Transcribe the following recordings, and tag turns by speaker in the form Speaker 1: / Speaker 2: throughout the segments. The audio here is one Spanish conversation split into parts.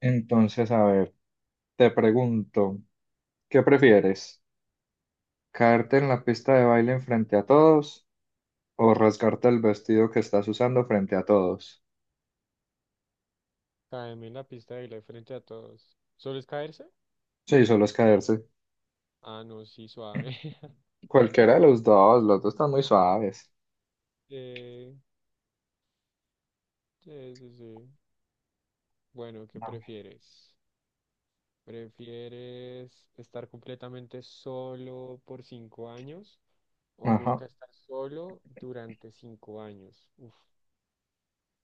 Speaker 1: Entonces, a ver, te pregunto, ¿qué prefieres? ¿Caerte en la pista de baile frente a todos o rasgarte el vestido que estás usando frente a todos?
Speaker 2: Caerme en la pista de baile frente a todos. ¿Solo es caerse?
Speaker 1: Sí, solo es caerse.
Speaker 2: Ah, no, sí, suave.
Speaker 1: Cualquiera de los dos están muy suaves.
Speaker 2: Eh, sí, sí, sí. Bueno, ¿qué
Speaker 1: A ver.
Speaker 2: prefieres? ¿Prefieres estar completamente solo por 5 años o
Speaker 1: Ajá.
Speaker 2: nunca estar solo durante 5 años? Uf.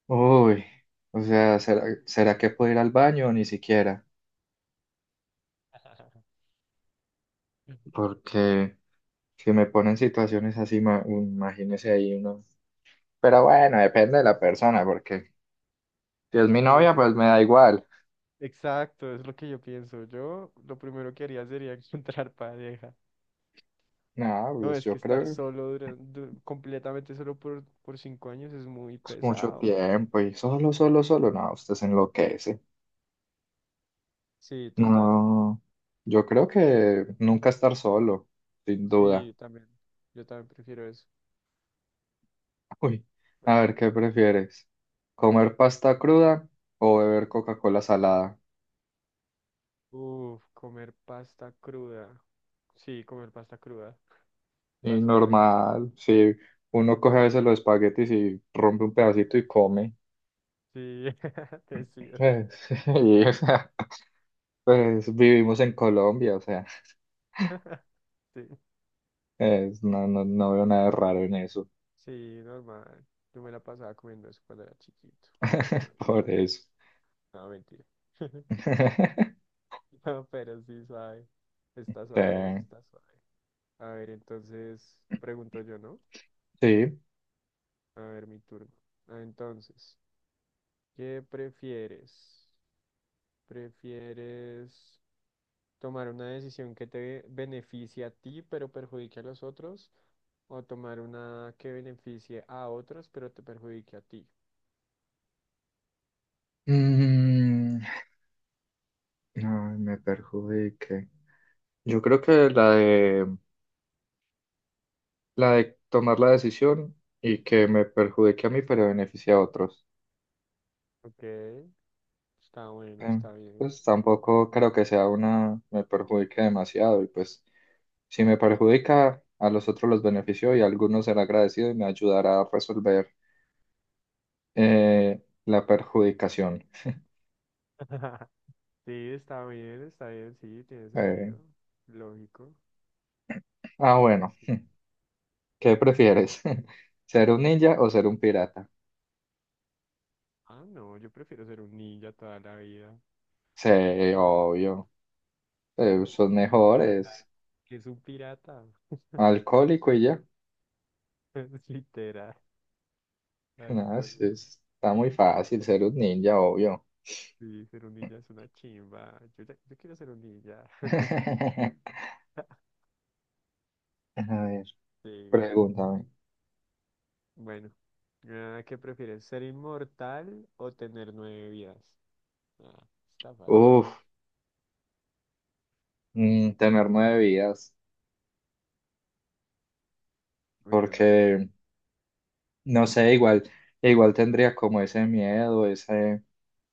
Speaker 1: Uy, o sea, ¿será que puedo ir al baño? Ni siquiera, porque si me ponen situaciones así, imagínese ahí uno. Pero bueno, depende de la persona, porque si es mi
Speaker 2: Sí,
Speaker 1: novia,
Speaker 2: depende. De
Speaker 1: pues
Speaker 2: la
Speaker 1: me da
Speaker 2: persona.
Speaker 1: igual.
Speaker 2: Exacto, es lo que yo pienso. Yo lo primero que haría sería encontrar pareja.
Speaker 1: No,
Speaker 2: No,
Speaker 1: pues
Speaker 2: es que
Speaker 1: yo
Speaker 2: estar
Speaker 1: creo.
Speaker 2: solo, completamente solo por 5 años es muy
Speaker 1: Es mucho
Speaker 2: pesado.
Speaker 1: tiempo y solo, solo, solo, no, usted se enloquece.
Speaker 2: Sí, total.
Speaker 1: No, yo creo que nunca estar solo, sin duda.
Speaker 2: Sí, también. Yo también prefiero eso.
Speaker 1: Uy,
Speaker 2: Bueno.
Speaker 1: a ver, ¿qué prefieres? ¿Comer pasta cruda o beber Coca-Cola salada?
Speaker 2: Uf, comer pasta cruda. Sí, comer pasta cruda.
Speaker 1: Y
Speaker 2: Está suave.
Speaker 1: normal, si uno coge a veces los espaguetis y rompe un pedacito y come.
Speaker 2: Sí, te sigo.
Speaker 1: Pues, y, o sea, pues vivimos en Colombia, o sea,
Speaker 2: Sí,
Speaker 1: no, no, no veo nada de raro en eso.
Speaker 2: sí, normal. Yo me la pasaba comiendo eso cuando era chiquito. Cuando...
Speaker 1: Por eso.
Speaker 2: No, mentira. No, pero sí, suave. Está suave, eso
Speaker 1: Sí.
Speaker 2: está suave. A ver, entonces, pregunto yo, ¿no?
Speaker 1: Sí.
Speaker 2: A ver, mi turno. Ah, entonces, ¿qué prefieres? ¿Prefieres tomar una decisión que te beneficie a ti, pero perjudique a los otros, o tomar una que beneficie a otros, pero te perjudique a ti?
Speaker 1: Mm, ay, me perjudique. Yo creo que la de tomar la decisión y que me perjudique a mí, pero beneficie a otros.
Speaker 2: Ok, está bueno,
Speaker 1: Eh,
Speaker 2: está bien.
Speaker 1: pues tampoco creo que sea una, me perjudique demasiado. Y pues si me perjudica, a los otros los beneficio y a algunos será agradecido y me ayudará a resolver la perjudicación.
Speaker 2: Sí, está bien, sí, tiene
Speaker 1: Eh,
Speaker 2: sentido. Lógico. Sí,
Speaker 1: bueno,
Speaker 2: sí, sí.
Speaker 1: ¿qué prefieres? ¿Ser un ninja o ser un pirata?
Speaker 2: Ah, no, yo prefiero ser un ninja toda la vida.
Speaker 1: Sí, obvio.
Speaker 2: Que un
Speaker 1: Son mejores,
Speaker 2: pirata. ¿Qué es un pirata?
Speaker 1: alcohólico y ya.
Speaker 2: Es literal,
Speaker 1: No,
Speaker 2: alcohólico.
Speaker 1: está muy fácil ser un ninja, obvio.
Speaker 2: Sí, ser un ninja es una chimba. Yo, ya- yo quiero ser un ninja.
Speaker 1: A ver,
Speaker 2: Sí.
Speaker 1: pregúntame.
Speaker 2: Bueno, ah, ¿qué prefieres? ¿Ser inmortal o tener 9 vidas? Ah, está fácil.
Speaker 1: Uf, mm, tener nueve vidas,
Speaker 2: Uy, yo no sé.
Speaker 1: porque no sé, igual tendría como ese miedo, ese,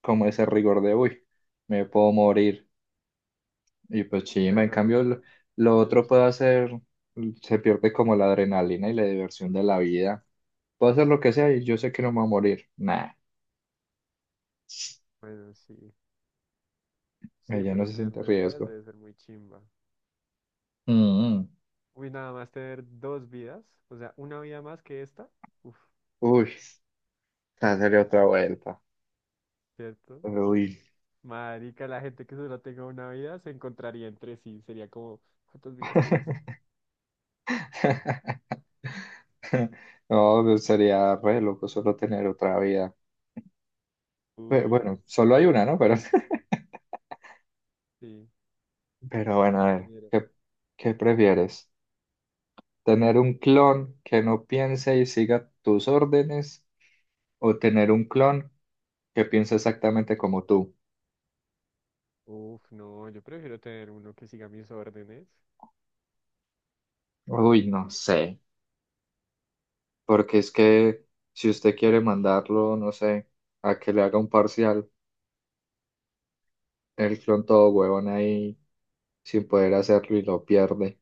Speaker 1: como ese rigor de, uy, me puedo morir. Y pues chimba,
Speaker 2: Bueno, sí,
Speaker 1: lo
Speaker 2: eso es
Speaker 1: otro puedo
Speaker 2: chimba.
Speaker 1: hacer, se pierde como la adrenalina y la diversión de la vida. Puedo hacer lo que sea y yo sé que no me voy a morir. Nah.
Speaker 2: Bueno, sí. Sí,
Speaker 1: Ella no
Speaker 2: pero
Speaker 1: se
Speaker 2: tener
Speaker 1: siente
Speaker 2: 9 vidas
Speaker 1: riesgo.
Speaker 2: debe ser muy chimba.
Speaker 1: Mm.
Speaker 2: Uy, nada más tener 2 vidas, o sea, una vida más que esta. Uf,
Speaker 1: Uy, esa sería otra vuelta.
Speaker 2: ¿cierto?
Speaker 1: Uy.
Speaker 2: Marica, la gente que solo tenga una vida se encontraría entre sí. Sería como, ¿cuántas vidas tienes tú?
Speaker 1: No, pues, sería re loco solo tener otra vida.
Speaker 2: Uy,
Speaker 1: Bueno, solo hay una, ¿no? Pero,
Speaker 2: sí,
Speaker 1: pero bueno, a ver,
Speaker 2: tener.
Speaker 1: ¿qué prefieres? ¿Tener un clon que no piense y siga tus órdenes o tener un clon que piense exactamente como tú?
Speaker 2: Uf, no, yo prefiero tener uno que siga mis órdenes.
Speaker 1: Uy, no sé, porque es que si usted quiere mandarlo, no sé, a que le haga un parcial el clon todo huevón ahí sin poder hacerlo y lo pierde.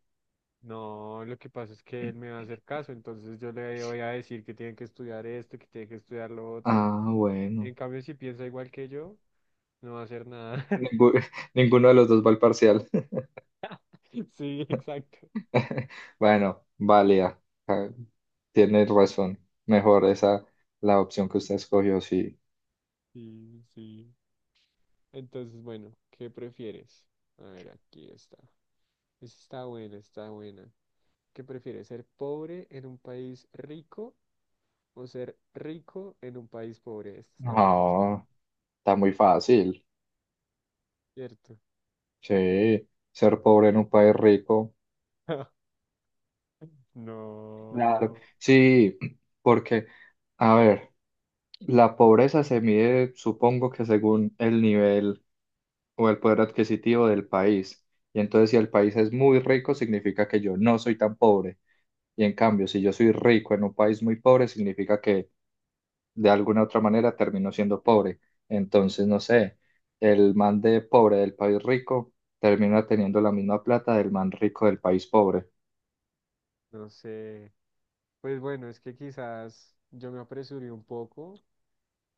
Speaker 2: No, lo que pasa es que él me va a hacer caso, entonces yo le voy a decir que tiene que estudiar esto, que tiene que estudiar lo otro.
Speaker 1: Ah, bueno.
Speaker 2: En cambio, si piensa igual que yo, no va a hacer nada.
Speaker 1: Ningú- ninguno de los dos va al parcial.
Speaker 2: Sí, exacto.
Speaker 1: Bueno, válida. Ah, tienes razón. Mejor esa, la opción que usted escogió, sí.
Speaker 2: Sí, sí. Entonces, bueno, ¿qué prefieres? A ver, aquí está. Esta está buena, está buena. ¿Qué prefieres, ser pobre en un país rico o ser rico en un país pobre? Esta está muy fácil,
Speaker 1: No, está muy fácil.
Speaker 2: ¿cierto?
Speaker 1: Sí, ser pobre en un país rico. Claro.
Speaker 2: No,
Speaker 1: Sí, porque, a ver, la pobreza se mide, supongo que según el nivel, o el poder adquisitivo del país. Y entonces si el país es muy rico, significa que yo no soy tan pobre. Y en cambio, si yo soy rico en un país muy pobre, significa que de alguna u otra manera termino siendo pobre. Entonces, no sé, el man de pobre del país rico termina teniendo la misma plata del man rico del país pobre.
Speaker 2: no sé. Pues bueno, es que quizás yo me apresuré un poco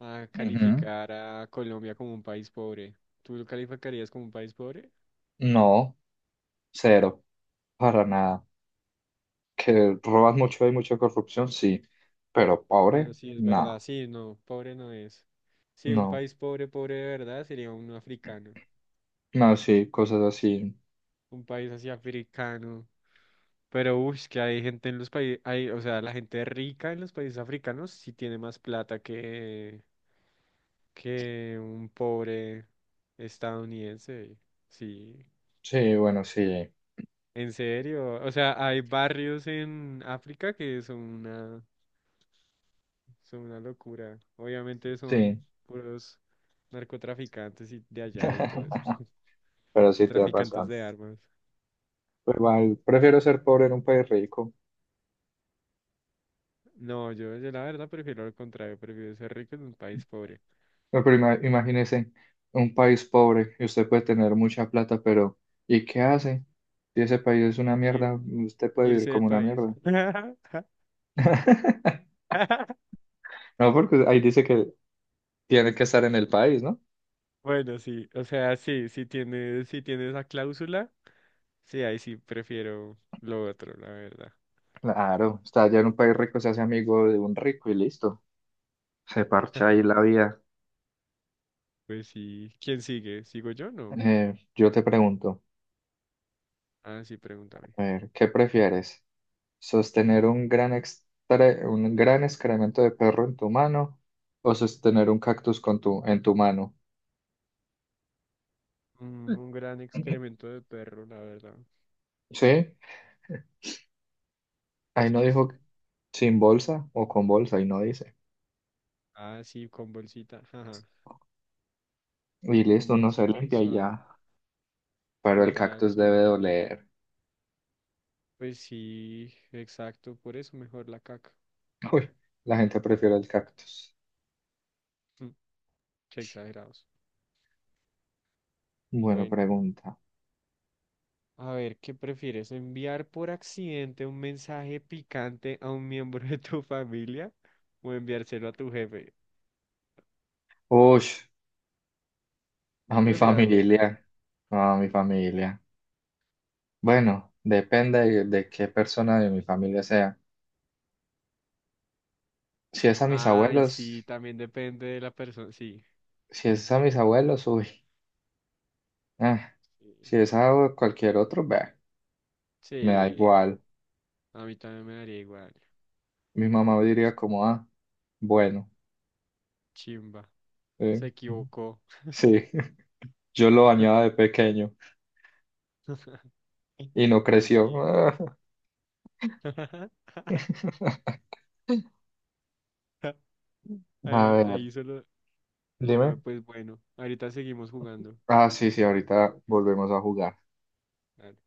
Speaker 2: a
Speaker 1: Ujú.
Speaker 2: calificar a Colombia como un país pobre. ¿Tú lo calificarías como un país pobre?
Speaker 1: No, cero, para nada. Que roban mucho, hay mucha corrupción, sí, pero
Speaker 2: Bueno,
Speaker 1: pobre,
Speaker 2: sí, es verdad.
Speaker 1: no,
Speaker 2: Sí, no, pobre no es. Sí, un
Speaker 1: no,
Speaker 2: país pobre, pobre de verdad sería un africano.
Speaker 1: no, sí, cosas así.
Speaker 2: Un país así africano. Pero, uy, que hay gente en los países, hay, o sea, la gente rica en los países africanos sí tiene más plata que un pobre estadounidense. Sí.
Speaker 1: Sí, bueno, sí,
Speaker 2: En serio, o sea, hay barrios en África que son una locura. Obviamente
Speaker 1: sí,
Speaker 2: son puros narcotraficantes y de allá y todo eso.
Speaker 1: pero sí te ha
Speaker 2: Traficantes
Speaker 1: pasado.
Speaker 2: de armas.
Speaker 1: Pues igual, prefiero ser pobre en un país rico.
Speaker 2: No, yo la verdad prefiero lo contrario, prefiero ser rico en un país pobre.
Speaker 1: No, pero imagínese un país pobre y usted puede tener mucha plata, pero ¿y qué hace? Si ese país es una
Speaker 2: Y
Speaker 1: mierda, usted puede vivir
Speaker 2: irse del
Speaker 1: como una
Speaker 2: país.
Speaker 1: mierda. No, porque ahí dice que tiene que estar en el país, ¿no?
Speaker 2: Bueno, sí, o sea, sí, si tiene, si tiene esa cláusula, sí, ahí sí prefiero lo otro, la verdad.
Speaker 1: Claro, está allá en un país rico, se hace amigo de un rico y listo. Se parcha ahí la vida.
Speaker 2: Pues sí, ¿quién sigue? ¿Sigo yo? No.
Speaker 1: Yo te pregunto,
Speaker 2: Ah, sí, pregúntame.
Speaker 1: a ver, ¿qué prefieres? Sostener un gran excremento de perro en tu mano o sostener un cactus en tu mano.
Speaker 2: Un gran excremento de perro, la verdad.
Speaker 1: Sí, ahí
Speaker 2: Es
Speaker 1: no
Speaker 2: que
Speaker 1: dijo
Speaker 2: sí.
Speaker 1: sin bolsa o con bolsa, ahí no dice.
Speaker 2: Ah, sí, con bolsita. Ajá.
Speaker 1: Y
Speaker 2: Con
Speaker 1: listo, uno se
Speaker 2: bolsita y
Speaker 1: limpia y
Speaker 2: suave.
Speaker 1: ya. Pero el
Speaker 2: Total,
Speaker 1: cactus debe
Speaker 2: sí.
Speaker 1: doler.
Speaker 2: Pues sí, exacto. Por eso mejor la caca.
Speaker 1: Uy, la gente prefiere el cactus.
Speaker 2: Mm, Qué exagerados.
Speaker 1: Bueno,
Speaker 2: Bueno,
Speaker 1: pregunta.
Speaker 2: a ver, ¿qué prefieres? ¿Enviar por accidente un mensaje picante a un miembro de tu familia o enviárselo a tu jefe?
Speaker 1: Uy, a
Speaker 2: Yo
Speaker 1: mi
Speaker 2: prefiero al jefe.
Speaker 1: familia. No, A mi familia. Bueno, depende de qué persona de mi familia sea. Si es a mis
Speaker 2: Ay,
Speaker 1: abuelos,
Speaker 2: sí, también depende de la persona. Sí.
Speaker 1: si es a mis abuelos, uy. Ah,
Speaker 2: Sí.
Speaker 1: si es a cualquier otro, bah, me da
Speaker 2: Sí,
Speaker 1: igual.
Speaker 2: a mí también me daría igual.
Speaker 1: Mi mamá diría como, ah, bueno,
Speaker 2: Chimba.
Speaker 1: eh,
Speaker 2: Se equivocó.
Speaker 1: sí, yo lo bañaba de pequeño y no
Speaker 2: Pues
Speaker 1: creció.
Speaker 2: sí.
Speaker 1: A
Speaker 2: Ahí,
Speaker 1: ver,
Speaker 2: ahí solo. No,
Speaker 1: dime.
Speaker 2: pues bueno. Ahorita seguimos jugando.
Speaker 1: Ah, sí, sí, ahorita volvemos a jugar.
Speaker 2: Dale.